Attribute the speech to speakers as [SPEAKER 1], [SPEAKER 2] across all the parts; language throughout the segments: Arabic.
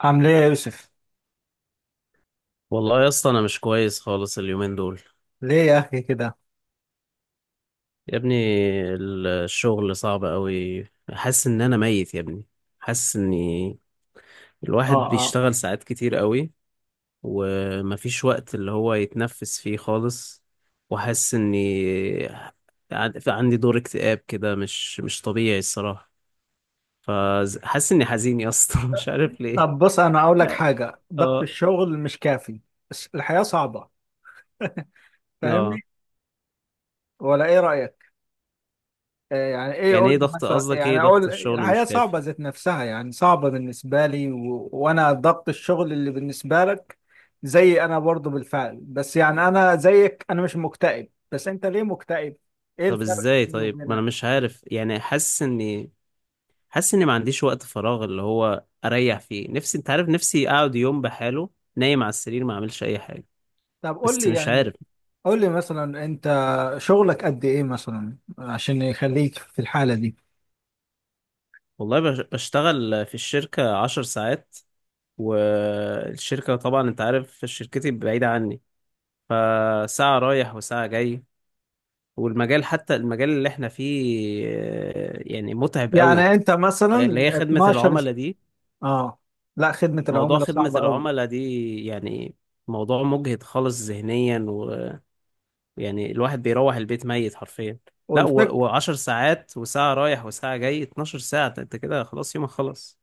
[SPEAKER 1] عامل ايه يا يوسف؟
[SPEAKER 2] والله يا اسطى انا مش كويس خالص اليومين دول.
[SPEAKER 1] ليه يا اخي كده؟
[SPEAKER 2] يا ابني الشغل صعب قوي. حاسس ان انا ميت يا ابني. حاسس اني
[SPEAKER 1] اه
[SPEAKER 2] الواحد
[SPEAKER 1] اه.
[SPEAKER 2] بيشتغل ساعات كتير قوي، ومفيش وقت اللي هو يتنفس فيه خالص. وحاسس اني عندي دور اكتئاب كده مش طبيعي الصراحة. فحاسس اني حزين يا اسطى مش عارف ليه.
[SPEAKER 1] طب بص انا اقول لك حاجه، ضغط
[SPEAKER 2] اه.
[SPEAKER 1] الشغل مش كافي، بس الحياه صعبه.
[SPEAKER 2] اه.
[SPEAKER 1] فاهمني ولا ايه رايك؟ آه يعني ايه؟
[SPEAKER 2] يعني
[SPEAKER 1] قول
[SPEAKER 2] ايه
[SPEAKER 1] لي
[SPEAKER 2] ضغط؟
[SPEAKER 1] مثلا،
[SPEAKER 2] قصدك ايه
[SPEAKER 1] يعني اقول
[SPEAKER 2] ضغط الشغل
[SPEAKER 1] الحياه
[SPEAKER 2] مش كافي؟
[SPEAKER 1] صعبه ذات نفسها يعني صعبه بالنسبه لي و... وانا ضغط الشغل اللي بالنسبه لك زي انا برضو بالفعل، بس يعني انا زيك انا مش مكتئب، بس انت ليه مكتئب؟ ايه
[SPEAKER 2] طب
[SPEAKER 1] الفرق
[SPEAKER 2] ازاي؟
[SPEAKER 1] بيني
[SPEAKER 2] طيب ما
[SPEAKER 1] وبينك؟
[SPEAKER 2] انا مش عارف، يعني حاسس اني، حاسس اني ما عنديش وقت فراغ اللي هو اريح فيه نفسي. انت عارف، نفسي اقعد يوم بحاله نايم على السرير ما اعملش اي حاجه.
[SPEAKER 1] طب قول
[SPEAKER 2] بس
[SPEAKER 1] لي
[SPEAKER 2] مش
[SPEAKER 1] يعني،
[SPEAKER 2] عارف.
[SPEAKER 1] قول لي مثلا انت شغلك قد ايه مثلا عشان يخليك في الحالة دي؟
[SPEAKER 2] والله بشتغل في الشركه 10 ساعات، والشركه طبعا انت عارف شركتي بعيده عني، فساعه رايح وساعه جاي. والمجال، حتى المجال اللي احنا فيه، آه، يعني متعب قوي.
[SPEAKER 1] يعني انت
[SPEAKER 2] اللي
[SPEAKER 1] مثلا
[SPEAKER 2] هي خدمه
[SPEAKER 1] 12
[SPEAKER 2] العملاء دي.
[SPEAKER 1] اه لا، خدمة
[SPEAKER 2] موضوع
[SPEAKER 1] العملاء
[SPEAKER 2] خدمه
[SPEAKER 1] صعبة قوي.
[SPEAKER 2] العملاء دي، يعني، موضوع مجهد خالص ذهنيا. يعني الواحد بيروح البيت ميت حرفيا. لا و...
[SPEAKER 1] والفك،
[SPEAKER 2] و10 ساعات وساعة رايح وساعة جاي، 12 ساعة. ده انت كده خلاص يومك خلص.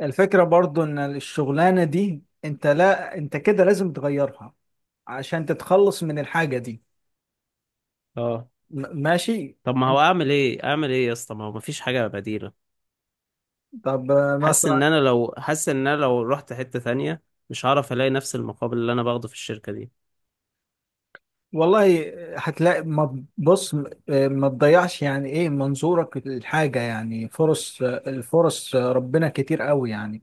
[SPEAKER 1] الفكرة برضو ان الشغلانة دي انت، لا انت كده لازم تغيرها عشان تتخلص من الحاجة دي.
[SPEAKER 2] اه.
[SPEAKER 1] ماشي.
[SPEAKER 2] طب ما هو
[SPEAKER 1] انت-
[SPEAKER 2] اعمل ايه؟ اعمل ايه يا اسطى؟ ما هو مفيش حاجة بديلة.
[SPEAKER 1] طب آه، مثلا
[SPEAKER 2] حاسس ان انا لو رحت حتة ثانية مش هعرف الاقي نفس المقابل اللي انا باخده في الشركة دي.
[SPEAKER 1] والله هتلاقي، ما بص آه، ما تضيعش، يعني ايه منظورك للحاجة؟ يعني فرص آه، الفرص آه، ربنا كتير قوي يعني.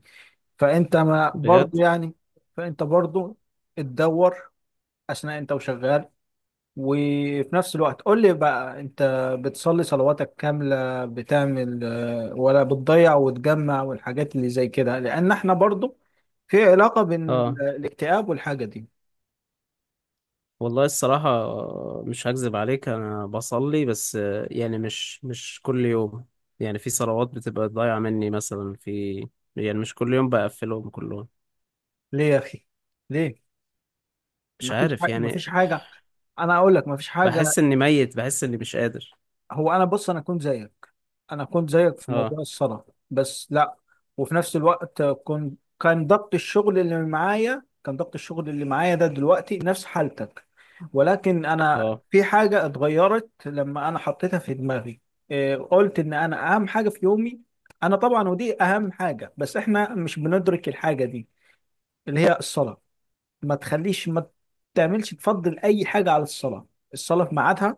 [SPEAKER 1] فانت ما برضه
[SPEAKER 2] بجد.
[SPEAKER 1] يعني، فانت برضه تدور اثناء انت وشغال. وفي نفس الوقت قول لي بقى، انت بتصلي صلواتك كاملة؟ بتعمل آه، ولا بتضيع وتجمع والحاجات اللي زي كده؟ لان احنا برضه في علاقة بين
[SPEAKER 2] اه.
[SPEAKER 1] الاكتئاب والحاجة دي.
[SPEAKER 2] والله الصراحة آه، مش هكذب عليك، انا بصلي، بس آه، يعني مش كل يوم. يعني في صلوات بتبقى ضايعة مني مثلا، في، يعني مش كل يوم بقفلهم كلهم.
[SPEAKER 1] ليه يا اخي؟ ليه؟
[SPEAKER 2] مش
[SPEAKER 1] مفيش
[SPEAKER 2] عارف
[SPEAKER 1] حاجة،
[SPEAKER 2] يعني.
[SPEAKER 1] مفيش حاجة، انا اقول لك مفيش حاجة.
[SPEAKER 2] بحس اني ميت، بحس اني مش قادر.
[SPEAKER 1] هو انا بص، انا كنت زيك، انا كنت زيك في
[SPEAKER 2] اه.
[SPEAKER 1] موضوع الصلاة، بس لا. وفي نفس الوقت كان ضغط الشغل اللي معايا، كان ضغط الشغل اللي معايا ده دلوقتي نفس حالتك، ولكن انا
[SPEAKER 2] اه.
[SPEAKER 1] في حاجة اتغيرت لما انا حطيتها في دماغي. إيه، قلت ان انا اهم حاجة في يومي، انا طبعا ودي اهم حاجة، بس احنا مش بندرك الحاجة دي اللي هي الصلاة. ما تخليش، ما تعملش، تفضل اي حاجة على الصلاة. الصلاة في ميعادها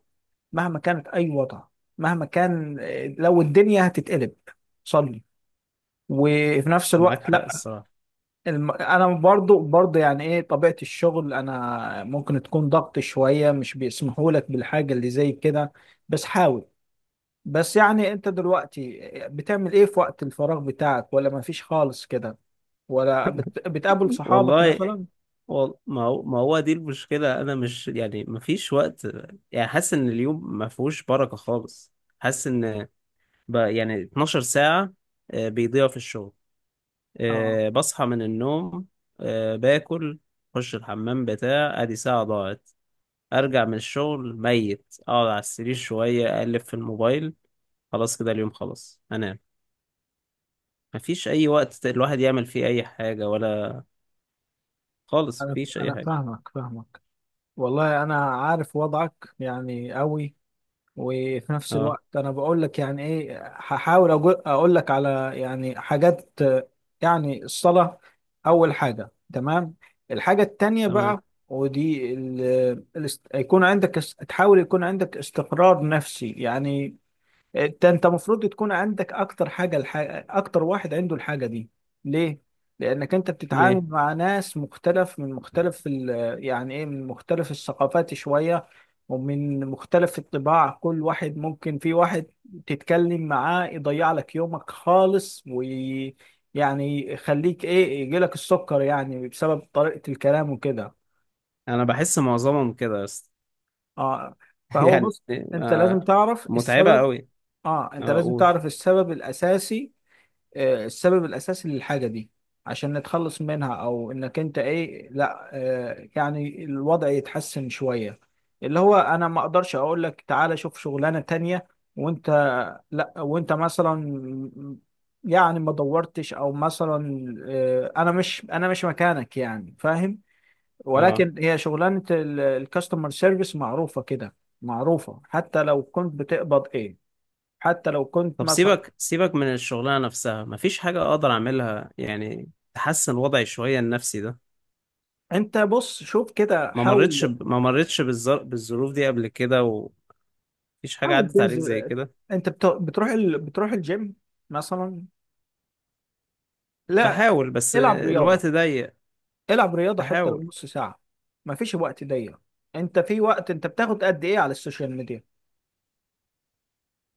[SPEAKER 1] مهما كانت اي وضع، مهما كان، لو الدنيا هتتقلب صلي. وفي نفس
[SPEAKER 2] معاك
[SPEAKER 1] الوقت
[SPEAKER 2] حق
[SPEAKER 1] لا،
[SPEAKER 2] الصراحة.
[SPEAKER 1] انا برضو يعني ايه طبيعة الشغل انا ممكن تكون ضغط شوية، مش بيسمحوا لك بالحاجة اللي زي كده، بس حاول. بس يعني انت دلوقتي بتعمل ايه في وقت الفراغ بتاعك؟ ولا مفيش خالص كده؟ ولا بتقابل صحابك
[SPEAKER 2] والله
[SPEAKER 1] مثلا؟
[SPEAKER 2] ما هو ما هو دي المشكلة. أنا مش، يعني مفيش وقت. يعني حاسس إن اليوم ما فيهوش بركة خالص. حاسس إن يعني 12 ساعة آه، بيضيعوا في الشغل.
[SPEAKER 1] اه،
[SPEAKER 2] آه، بصحى من النوم، آه، باكل، أخش الحمام بتاع، أدي ساعة ضاعت. أرجع من الشغل ميت، أقعد على السرير شوية، أقلب في الموبايل، خلاص كده اليوم خلاص، أنام. مفيش أي وقت الواحد يعمل فيه أي حاجة، ولا خالص
[SPEAKER 1] انا
[SPEAKER 2] مفيش أي
[SPEAKER 1] انا
[SPEAKER 2] حاجة.
[SPEAKER 1] فاهمك، فاهمك والله، انا عارف وضعك يعني قوي. وفي نفس
[SPEAKER 2] اه.
[SPEAKER 1] الوقت انا بقول لك يعني ايه، هحاول اقول لك على يعني حاجات آه، يعني الصلاة اول حاجة. تمام. الحاجة التانية
[SPEAKER 2] تمام.
[SPEAKER 1] بقى، ودي يكون عندك تحاول يكون عندك استقرار نفسي يعني. انت المفروض تكون عندك اكتر حاجه، الحاجة اكتر واحد عنده الحاجه دي. ليه؟ لانك انت بتتعامل
[SPEAKER 2] ليه؟
[SPEAKER 1] مع ناس مختلف من مختلف ال... يعني ايه، من مختلف الثقافات شويه ومن مختلف الطباع. كل واحد ممكن، في واحد تتكلم معاه يضيع لك يومك خالص، ويعني يخليك ايه، يجي لك السكر يعني بسبب طريقه الكلام وكده.
[SPEAKER 2] أنا بحس معظمهم كده، بس
[SPEAKER 1] اه، فهو
[SPEAKER 2] يعني.
[SPEAKER 1] بص، انت
[SPEAKER 2] آه،
[SPEAKER 1] لازم تعرف
[SPEAKER 2] متعبة
[SPEAKER 1] السبب.
[SPEAKER 2] أوي.
[SPEAKER 1] اه، انت
[SPEAKER 2] اه
[SPEAKER 1] لازم
[SPEAKER 2] قول.
[SPEAKER 1] تعرف السبب الاساسي. آه، السبب الأساسي للحاجة دي عشان نتخلص منها، أو إنك أنت إيه لا آه، يعني الوضع يتحسن شوية. اللي هو أنا ما أقدرش أقول لك تعالى شوف شغلانة تانية وأنت، لا وأنت مثلا يعني ما دورتش أو مثلا آه، أنا مش مكانك يعني فاهم.
[SPEAKER 2] اه.
[SPEAKER 1] ولكن هي شغلانة الكاستمر سيرفيس معروفة كده، معروفة حتى لو كنت بتقبض إيه، حتى لو كنت
[SPEAKER 2] طب
[SPEAKER 1] مثلا.
[SPEAKER 2] سيبك سيبك من الشغلانة نفسها، مفيش حاجة أقدر أعملها يعني تحسن وضعي شوية النفسي ده؟
[SPEAKER 1] انت بص شوف كده، حاول،
[SPEAKER 2] ما مرتش بالظروف دي قبل كده، ومفيش حاجة
[SPEAKER 1] حاول
[SPEAKER 2] عدت عليك زي
[SPEAKER 1] تنزل.
[SPEAKER 2] كده؟
[SPEAKER 1] انت بتروح بتروح الجيم مثلا؟ لا،
[SPEAKER 2] بحاول بس
[SPEAKER 1] العب رياضة،
[SPEAKER 2] الوقت ضيق.
[SPEAKER 1] العب رياضة حتى لو
[SPEAKER 2] بحاول.
[SPEAKER 1] نص ساعة. مفيش وقت ضيق. انت في وقت انت بتاخد قد ايه على السوشيال ميديا؟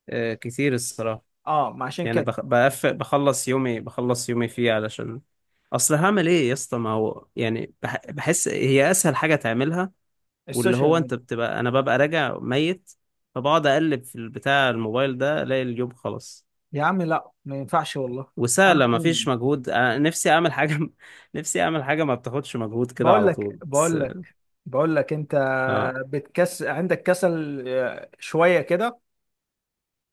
[SPEAKER 2] آه كتير الصراحة.
[SPEAKER 1] اه، ما عشان
[SPEAKER 2] يعني
[SPEAKER 1] كده
[SPEAKER 2] بخلص يومي، بخلص يومي فيه علشان، اصل هعمل ايه يا اسطى؟ ما هو يعني بحس هي اسهل حاجه تعملها، واللي
[SPEAKER 1] السوشيال
[SPEAKER 2] هو انت
[SPEAKER 1] ميديا.
[SPEAKER 2] بتبقى، انا ببقى راجع ميت، فبقعد اقلب في البتاع، الموبايل ده، الاقي اليوم خلص.
[SPEAKER 1] يا عم لا، ما ينفعش والله. انا
[SPEAKER 2] وسهله، ما فيش مجهود. انا نفسي اعمل حاجه نفسي اعمل حاجه ما بتاخدش مجهود كده
[SPEAKER 1] بقول
[SPEAKER 2] على
[SPEAKER 1] لك،
[SPEAKER 2] طول بس.
[SPEAKER 1] بقول لك، بقول لك انت
[SPEAKER 2] اه.
[SPEAKER 1] بتكس، عندك كسل آه، شوية كده.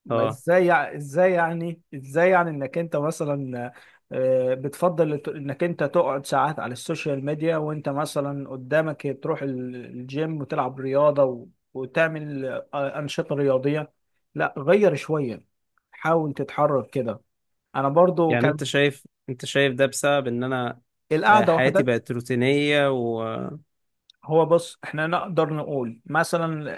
[SPEAKER 1] ما
[SPEAKER 2] اه.
[SPEAKER 1] ازاي ازاي يعني، ازاي يعني انك انت مثلا آه، بتفضل انك انت تقعد ساعات على السوشيال ميديا، وانت مثلا قدامك تروح الجيم وتلعب رياضة و- وتعمل آه، أنشطة رياضية. لا غير شوية، حاول تتحرك كده. انا برضو
[SPEAKER 2] يعني
[SPEAKER 1] كان
[SPEAKER 2] انت شايف، انت شايف ده بسبب ان انا آه،
[SPEAKER 1] القعدة
[SPEAKER 2] حياتي
[SPEAKER 1] وحدك.
[SPEAKER 2] بقت روتينيه و...
[SPEAKER 1] هو بص احنا نقدر نقول مثلا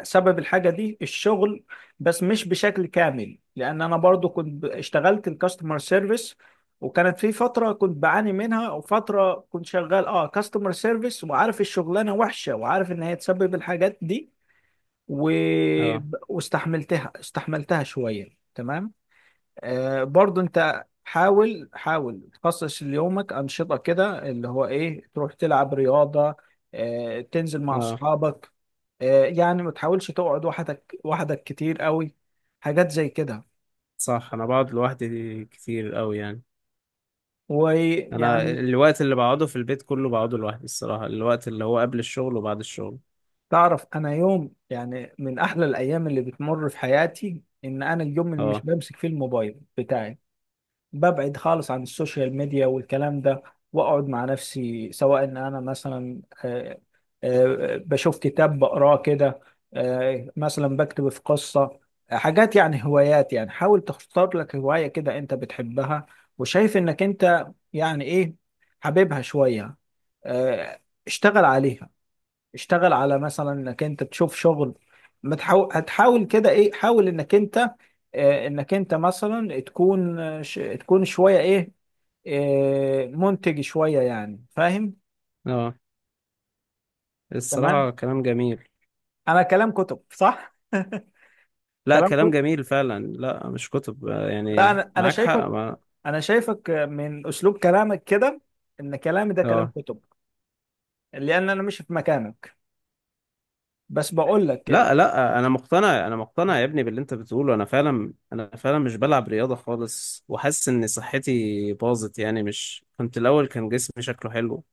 [SPEAKER 1] آه، سبب الحاجة دي الشغل، بس مش بشكل كامل، لان انا برضو كنت اشتغلت الكاستمر سيرفيس، وكانت في فترة كنت بعاني منها، وفترة كنت شغال اه كاستمر سيرفيس وعارف الشغلانة وحشة، وعارف ان هي تسبب الحاجات دي و...
[SPEAKER 2] اه.
[SPEAKER 1] واستحملتها شوية. تمام. آه، برضو انت حاول، حاول تخصص ليومك انشطه كده، اللي هو ايه، تروح تلعب رياضه آه، تنزل مع
[SPEAKER 2] اه.
[SPEAKER 1] اصحابك آه، يعني ما تحاولش تقعد وحدك، وحدك كتير قوي. حاجات زي كده
[SPEAKER 2] صح، انا بقعد لوحدي كتير قوي يعني. انا
[SPEAKER 1] ويعني،
[SPEAKER 2] الوقت اللي بقعده في البيت كله بقعده لوحدي الصراحة، الوقت اللي هو قبل الشغل وبعد الشغل.
[SPEAKER 1] تعرف انا يوم يعني من احلى الايام اللي بتمر في حياتي ان انا اليوم اللي مش
[SPEAKER 2] اه.
[SPEAKER 1] بمسك فيه الموبايل بتاعي، ببعد خالص عن السوشيال ميديا والكلام ده، واقعد مع نفسي، سواء ان انا مثلا آه، آه، بشوف كتاب بقراه كده، آه، مثلا بكتب في قصة. آه، حاجات يعني هوايات، يعني حاول تختار لك هواية كده انت بتحبها وشايف انك انت يعني ايه حاببها شوية، آه، اشتغل عليها. اشتغل على مثلا انك انت تشوف شغل، ما تحاو- هتحاول كده ايه، حاول انك انت آه، انك انت مثلا تكون آه، تكون شوية ايه آه، منتج شوية يعني فاهم.
[SPEAKER 2] اه.
[SPEAKER 1] تمام.
[SPEAKER 2] الصراحة كلام جميل.
[SPEAKER 1] انا كلام كتب صح.
[SPEAKER 2] لا
[SPEAKER 1] كلام
[SPEAKER 2] كلام
[SPEAKER 1] كده.
[SPEAKER 2] جميل فعلا، لا مش كتب، آه،
[SPEAKER 1] لا،
[SPEAKER 2] يعني
[SPEAKER 1] انا
[SPEAKER 2] معاك
[SPEAKER 1] شايفك،
[SPEAKER 2] حق ما...
[SPEAKER 1] انا شايفك من اسلوب كلامك كده ان كلامي ده كلام
[SPEAKER 2] اه.
[SPEAKER 1] كتب، لان انا مش في مكانك، بس بقول لك
[SPEAKER 2] لا لا، انا مقتنع، انا مقتنع يا ابني باللي انت بتقوله. انا فعلا، انا فعلا مش بلعب رياضة خالص، وحاسس ان صحتي باظت يعني. مش، كنت الاول كان جسمي شكله حلو.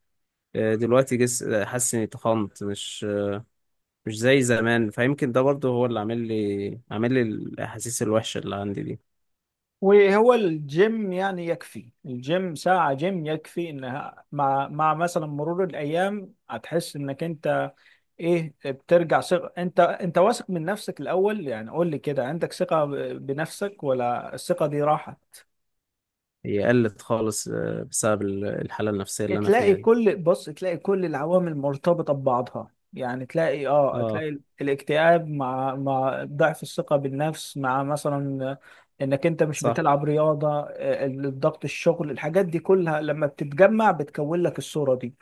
[SPEAKER 2] آه، دلوقتي حاسس اني تخنت، مش زي زمان. فيمكن ده برضه هو اللي عامل لي الاحاسيس الوحشه اللي عندي دي.
[SPEAKER 1] وهو الجيم يعني يكفي، الجيم ساعة جيم يكفي، انها مع مع مثلا مرور الايام هتحس انك انت ايه، بترجع ثقة، انت واثق من نفسك الاول. يعني قول لي كده، عندك ثقة بنفسك ولا الثقة دي راحت؟
[SPEAKER 2] هي قلت خالص آه، بسبب الحاله النفسيه اللي انا
[SPEAKER 1] تلاقي
[SPEAKER 2] فيها دي.
[SPEAKER 1] كل، بص تلاقي كل العوامل مرتبطة ببعضها. يعني تلاقي اه
[SPEAKER 2] اه.
[SPEAKER 1] تلاقي الاكتئاب مع ضعف الثقة بالنفس، مع مثلا انك انت مش
[SPEAKER 2] صح.
[SPEAKER 1] بتلعب رياضة آه، الضغط الشغل، الحاجات دي كلها لما بتتجمع بتكون لك الصورة دي.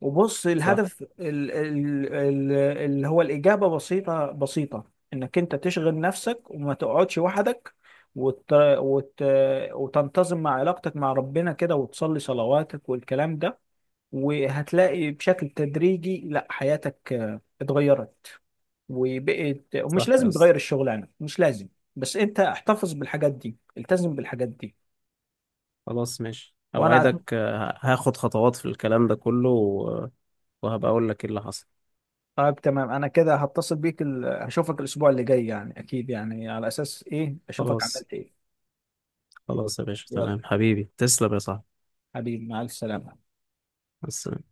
[SPEAKER 1] وبص
[SPEAKER 2] صح
[SPEAKER 1] الهدف اللي هو الإجابة بسيطة، بسيطة، انك انت تشغل نفسك وما تقعدش وحدك، وت... وت... وتنتظم مع علاقتك مع ربنا كده، وتصلي صلواتك والكلام ده. وهتلاقي بشكل تدريجي لا، حياتك آه، اتغيرت وبقت، ومش
[SPEAKER 2] صح يا
[SPEAKER 1] لازم
[SPEAKER 2] اسطى.
[SPEAKER 1] تغير الشغل يعني، مش لازم، بس انت احتفظ بالحاجات دي، التزم بالحاجات دي.
[SPEAKER 2] خلاص ماشي،
[SPEAKER 1] وانا أت-
[SPEAKER 2] اوعدك آه، هاخد خطوات في الكلام ده كله، و... وهبقى اقول لك ايه اللي حصل.
[SPEAKER 1] طيب تمام. انا كده هتصل بيك ال... هشوفك الاسبوع اللي جاي يعني، اكيد يعني على اساس ايه، اشوفك
[SPEAKER 2] خلاص.
[SPEAKER 1] عملت ايه.
[SPEAKER 2] خلاص يا باشا،
[SPEAKER 1] يلا،
[SPEAKER 2] تمام حبيبي، تسلم يا صاحبي.
[SPEAKER 1] حبيبي مع السلامة.
[SPEAKER 2] بس.